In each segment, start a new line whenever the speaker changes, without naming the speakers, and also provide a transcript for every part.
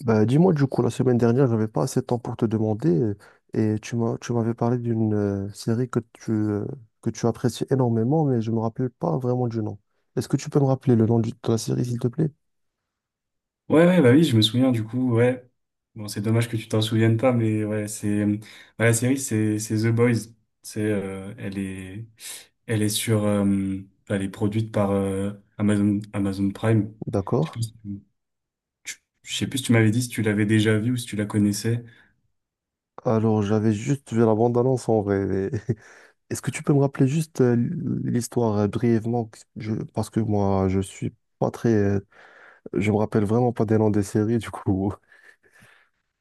Bah, dis-moi, du coup, la semaine dernière, j'avais pas assez de temps pour te demander. Et tu m'as, tu m'avais parlé d'une série que tu apprécies énormément, mais je me rappelle pas vraiment du nom. Est-ce que tu peux me rappeler le nom de la série, s'il te plaît?
Ouais, ouais, bah oui, je me souviens du coup, ouais. Bon, c'est dommage que tu t'en souviennes pas, mais ouais, c'est bah, la série, c'est The Boys. C'est elle est sur elle est produite par Amazon Prime. Je
D'accord.
sais plus si je sais plus si tu m'avais dit si tu l'avais déjà vue ou si tu la connaissais.
Alors, j'avais juste vu la bande-annonce en vrai, mais est-ce que tu peux me rappeler juste l'histoire brièvement? Parce que moi, je suis pas très. Je me rappelle vraiment pas des noms des séries, du coup.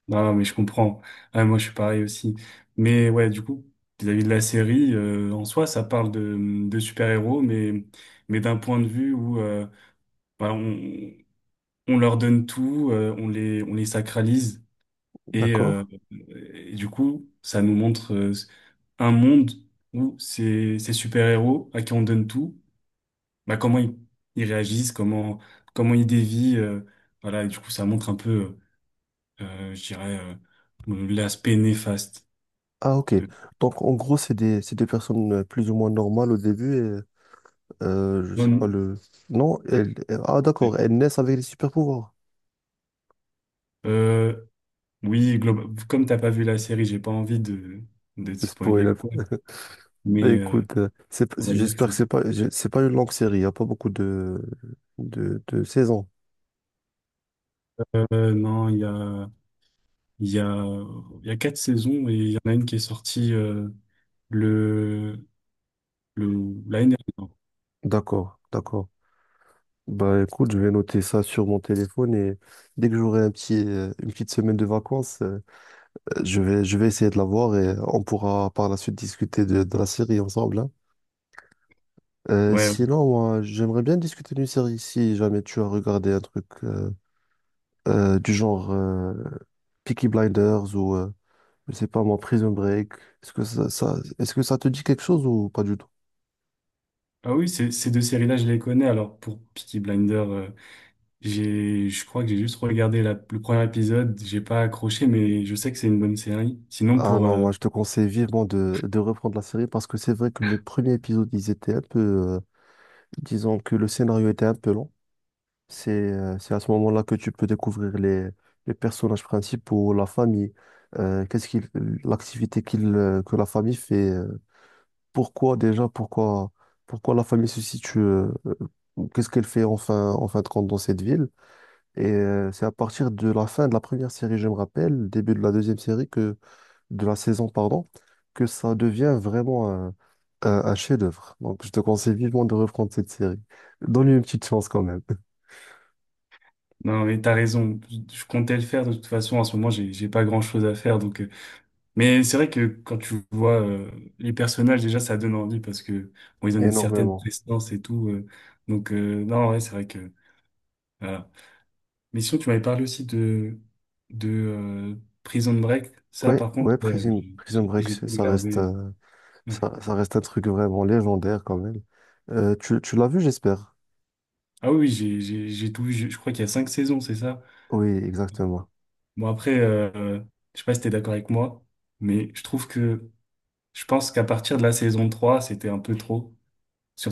Non, mais je comprends. Ah, moi, je suis pareil aussi. Mais ouais, du coup, vis-à-vis de la série, en soi, ça parle de super-héros, mais d'un point de vue où bah, on leur donne tout, on les sacralise. Et,
D'accord.
euh, et du coup, ça nous montre un monde où ces super-héros à qui on donne tout, bah, ils réagissent, comment ils dévient. Voilà, et du coup, ça montre un peu, je dirais, l'aspect néfaste
Ah, ok.
de...
Donc, en gros, c'est des personnes plus ou moins normales au début. Et, je
Non,
sais
non.
pas le. Non, ah, d'accord. Elles naissent avec des super-pouvoirs.
Euh, oui, comme t'as pas vu la série, j'ai pas envie de te
Le Spoil.
spoiler
Un
ou quoi,
peu. Ben,
mais
écoute, c'est
on va dire que
j'espère que
c'est ça.
c'est pas, c'est pas une longue série. Il n'y a pas beaucoup de saisons.
Non, il y a... Il y a, il y a quatre saisons et il y en a une qui est sortie le, l'année dernière.
D'accord, d'accord. Bah écoute, je vais noter ça sur mon téléphone et dès que j'aurai un petit, une petite semaine de vacances, je vais essayer de la voir et on pourra par la suite discuter de la série ensemble, hein.
Ouais.
Sinon, moi, j'aimerais bien discuter d'une série si jamais tu as regardé un truc du genre Peaky Blinders ou, je sais pas moi, Prison Break. Est-ce que ça te dit quelque chose ou pas du tout?
Ah oui, ces, ces deux séries-là, je les connais. Alors pour Peaky Blinder, je crois que j'ai juste regardé le premier épisode. J'ai pas accroché, mais je sais que c'est une bonne série. Sinon
Ah
pour,
non, moi je te conseille vivement de reprendre la série parce que c'est vrai que les premiers épisodes, ils étaient un peu... Disons que le scénario était un peu long. C'est à ce moment-là que tu peux découvrir les personnages principaux, la famille, euh, qu'est-ce qu'il, l'activité que la famille fait, pourquoi déjà, pourquoi, pourquoi la famille se situe, qu'est-ce qu'elle fait enfin, en fin de compte dans cette ville. Et c'est à partir de la fin de la première série, je me rappelle, début de la deuxième série, de la saison, pardon, que ça devient vraiment un chef-d'œuvre. Donc, je te conseille vivement de reprendre cette série. Donne-lui une petite chance quand même.
non mais t'as raison. Je comptais le faire de toute façon. En ce moment, j'ai pas grand-chose à faire, donc mais c'est vrai que quand tu vois les personnages, déjà, ça donne envie parce que bon, ils ont une certaine
Énormément.
prestance et tout. Donc, non, ouais, c'est vrai que voilà. Mais sinon, tu m'avais parlé aussi de Prison Break. Ça,
Ouais,
par contre,
ouais,
ouais,
Prison Break,
tout
ça reste,
regardé.
ça, ça reste un truc vraiment légendaire quand même. Tu l'as vu, j'espère.
Ah oui, oui, j'ai tout vu. Je crois qu'il y a cinq saisons, c'est ça?
Oui, exactement.
Bon, après, je sais pas si t'es d'accord avec moi, mais je trouve que je pense qu'à partir de la saison 3 c'était un peu trop.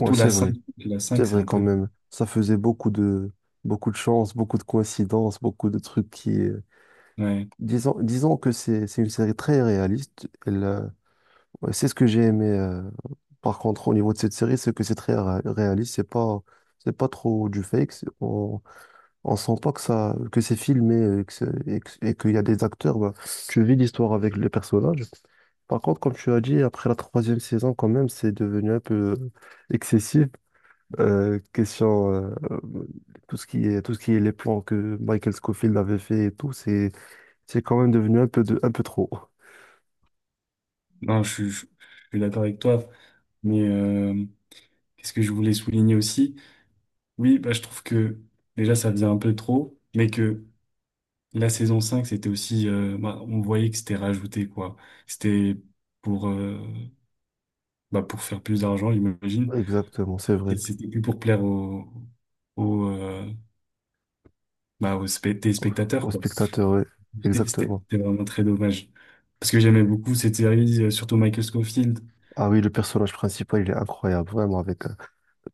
Ouais,
la
c'est
cinq,
vrai.
la
C'est
5 c'est
vrai
un
quand
peu.
même. Ça faisait beaucoup de chance, beaucoup de coïncidences, beaucoup de trucs qui.
Ouais.
Disons, disons que c'est une série très réaliste. Elle, ouais, c'est ce que j'ai aimé. Par contre, au niveau de cette série, c'est que c'est très réaliste. C'est pas trop du fake. On sent pas que ça que c'est filmé que c'est- et que- et qu'il y a des acteurs. Bah, tu vis l'histoire avec les personnages. Par contre, comme tu as dit, après la troisième saison, quand même, c'est devenu un peu euh, excessif. Question, tout ce qui est, tout ce qui est les plans que Michael Scofield avait fait et tout, c'est quand même devenu un peu de, un peu trop.
Non, je suis d'accord avec toi, mais qu'est-ce que je voulais souligner aussi? Oui, bah, je trouve que déjà ça faisait un peu trop, mais que la saison 5 c'était aussi, bah, on voyait que c'était rajouté, quoi. C'était pour, bah, pour faire plus d'argent, j'imagine.
Exactement, c'est
Et
vrai.
c'était plus pour plaire aux, aux, euh, bah, aux
Au, au
téléspectateurs, quoi.
spectateur, ouais. Exactement.
C'était vraiment très dommage. Parce que j'aimais beaucoup cette série, surtout Michael Scofield.
Ah oui, le personnage principal, il est incroyable, vraiment, avec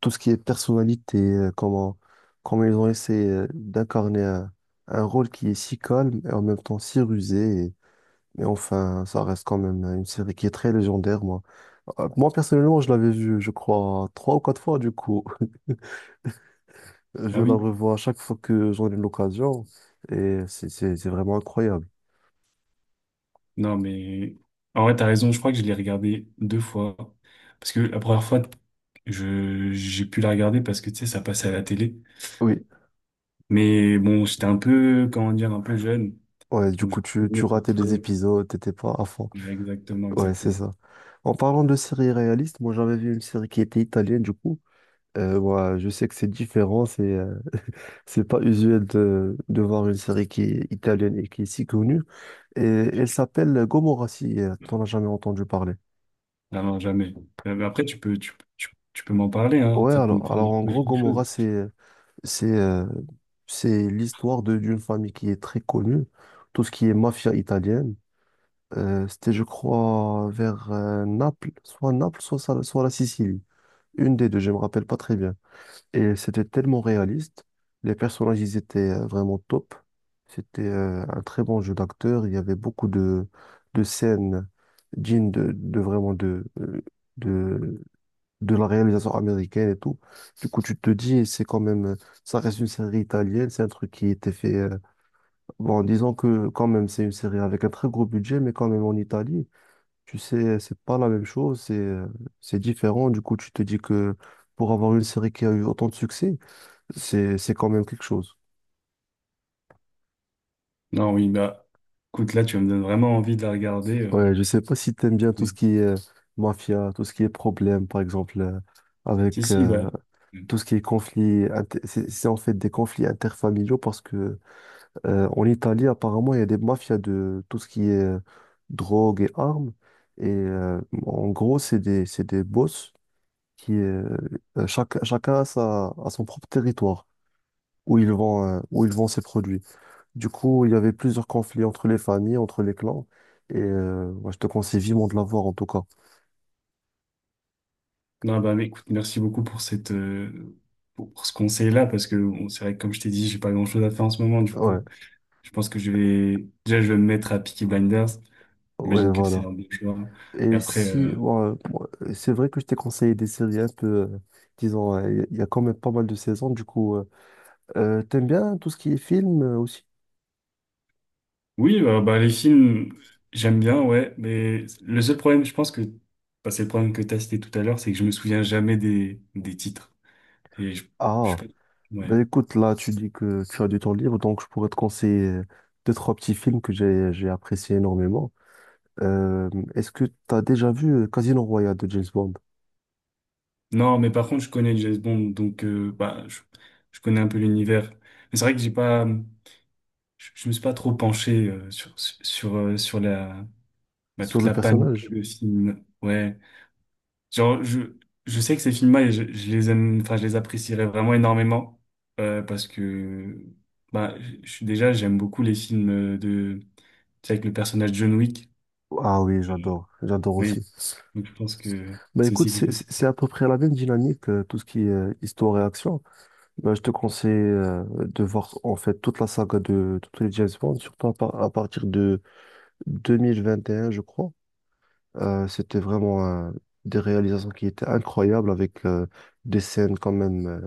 tout ce qui est personnalité, comment ils ont essayé d'incarner un rôle qui est si calme et en même temps si rusé. Mais enfin, ça reste quand même une série qui est très légendaire, moi. Moi, personnellement, je l'avais vue, je crois, trois ou quatre fois, du coup.
Ah
Je la
oui.
revois à chaque fois que j'en ai l'occasion. Et c'est vraiment incroyable.
Non, mais en vrai, t'as raison. Je crois que je l'ai regardé deux fois. Parce que la première fois, j'ai pu la regarder parce que, tu sais, ça passait à la télé.
Oui.
Mais bon, j'étais un peu, comment dire, un peu jeune.
Ouais, du
Donc, je
coup,
me souvenais
tu
pas
ratais des
trop.
épisodes, t'étais pas à fond.
Exactement,
Ouais, c'est
exactement.
ça. En parlant de séries réalistes, moi, j'avais vu une série qui était italienne, du coup. Ouais, je sais que c'est différent, c'est pas usuel de voir une série qui est italienne et qui est si connue. Et elle s'appelle Gomorrah, si t'en as jamais entendu parler.
Ah non, jamais. Mais après, tu peux m'en parler, hein.
Ouais,
Ça peut me faire
alors en
découvrir
gros,
quelque chose.
Gomorrah, c'est, euh, c'est l'histoire de, d'une famille qui est très connue, tout ce qui est mafia italienne. C'était, je crois, vers Naples, soit Naples, soit la Sicile. Une des deux, je me rappelle pas très bien. Et c'était tellement réaliste. Les personnages, ils étaient vraiment top. C'était un très bon jeu d'acteur. Il y avait beaucoup de scènes dignes de vraiment de, de la réalisation américaine et tout. Du coup, tu te dis, c'est quand même, ça reste une série italienne. C'est un truc qui était fait, bon, disons que quand même, c'est une série avec un très gros budget, mais quand même en Italie, tu sais, c'est pas la même chose. C'est différent. Du coup, tu te dis que pour avoir une série qui a eu autant de succès, c'est quand même quelque chose.
Non, oui, bah, écoute, là, tu me donnes vraiment envie de la regarder.
Ouais, je sais pas si t'aimes bien tout ce
Mais-
qui est mafia, tout ce qui est problème, par exemple,
Si,
avec
si, ouais.
tout ce qui est conflit, c'est en fait des conflits interfamiliaux parce que en Italie, apparemment, il y a des mafias de tout ce qui est drogue et armes. Et en gros, c'est des boss qui, euh, chacun a son propre territoire où ils vont, où ils vendent ses produits. Du coup, il y avait plusieurs conflits entre les familles, entre les clans. Et moi, je te conseille vivement de la voir, en tout cas.
Non, bah, mais écoute, merci beaucoup pour cette, pour ce conseil-là, parce que bon, c'est vrai que comme je t'ai dit, j'ai pas grand-chose à faire en ce moment, du
Ouais,
coup, je pense que je vais, déjà, je vais me mettre à Peaky Blinders.
ouais,
J'imagine que c'est
voilà.
un bon choix. Et
Et
après,
si, ouais, moi, c'est vrai que je t'ai conseillé des séries un peu, disons, il y a quand même pas mal de saisons. Du coup, t'aimes bien tout ce qui est film aussi?
oui, bah, les films, j'aime bien, ouais, mais le seul problème, je pense que, bah, c'est le problème que t'as cité tout à l'heure, c'est que je me souviens jamais des, des titres. Et je, sais
Ah,
pas- ouais.
ben écoute, là, tu dis que tu as du temps libre, donc je pourrais te conseiller deux, trois petits films que j'ai appréciés énormément. Euh, Est-ce que tu as déjà vu Casino Royale de James Bond
Non, mais par contre, je connais James Bond, donc, bah, je connais un peu l'univers. Mais c'est vrai que j'ai pas, je me suis pas trop penché sur la bah,
sur
toute
le
la panoplie
personnage?
de films. Ouais, genre je sais que ces films-là, je les aime, enfin je les apprécierais vraiment énormément parce que bah je suis déjà j'aime beaucoup les films de tu sais, avec le personnage John Wick.
Ah oui,
Euh,
j'adore, j'adore
Oui,
aussi.
donc je pense que
Bah
c'est
écoute,
aussi quelque chose.
c'est à peu près la même dynamique, tout ce qui est histoire et action. Bah, je te conseille de voir en fait toute la saga de tous les James Bond, surtout à, à partir de 2021, je crois. C'était vraiment des réalisations qui étaient incroyables avec des scènes quand même.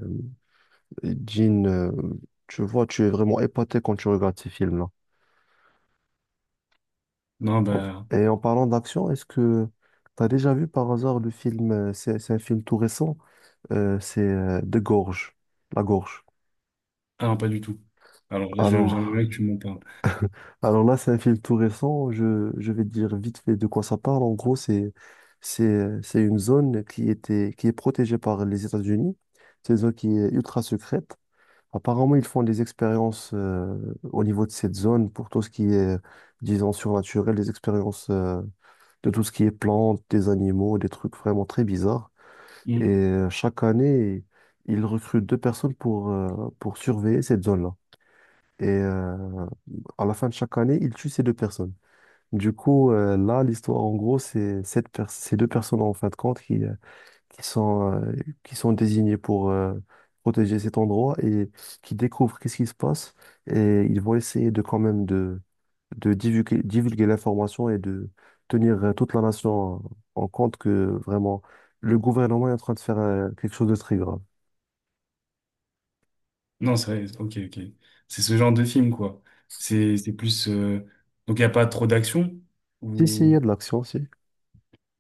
Jean, tu vois, tu es vraiment épaté quand tu regardes ces films-là.
Non
En-
bah
Et en parlant d'action, est-ce que tu as déjà vu par hasard le film, c'est un film tout récent? C'est De Gorge, La Gorge.
ah non pas du tout. Alors là je j'aimerais
Alors,
bien que tu m'en parles.
alors là, c'est un film tout récent. Je vais dire vite fait de quoi ça parle. En gros, c'est une zone qui était, qui est protégée par les États-Unis. C'est une zone qui est ultra secrète. Apparemment, ils font des expériences au niveau de cette zone pour tout ce qui est, disons, surnaturel, des expériences de tout ce qui est plantes, des animaux, des trucs vraiment très bizarres. Et chaque année, ils recrutent deux personnes pour surveiller cette zone-là. Et à la fin de chaque année, ils tuent ces deux personnes. Du coup, là, l'histoire, en gros, c'est ces deux personnes, en fin de compte, qui sont, euh, qui sont désignés pour protéger cet endroit et qui découvrent qu'est-ce qui se passe. Et ils vont essayer de quand même de divulguer, divulguer l'information et de tenir toute la nation en compte que vraiment le gouvernement est en train de faire quelque chose de très grave.
Non, c'est vrai, ok, ok. C'est ce genre de film, quoi. C'est plus. Donc, il n'y a pas trop d'action,
Si, si, il y a
ou.
de l'action, si.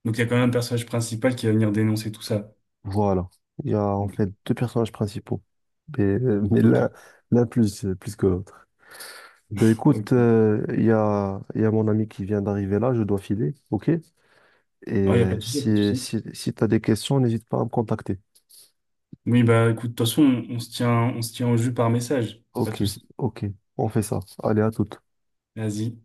Donc, il y a quand même un personnage principal qui va venir dénoncer tout ça.
Voilà. Il y a en
Ok,
fait deux personnages principaux. Mais, mais
ok.
l'un, l'un plus, plus que l'autre. Ben écoute,
Ok.
il y a mon ami qui vient d'arriver là, je dois filer, ok? Et
Ah il n'y a pas de souci, y a pas de
si,
souci.
si, si tu as des questions, n'hésite pas à me contacter.
Oui, bah écoute, de toute façon, on se tient au jus par message. Pas de
Ok,
souci.
ok, on fait ça. Allez, à toute.
Vas-y.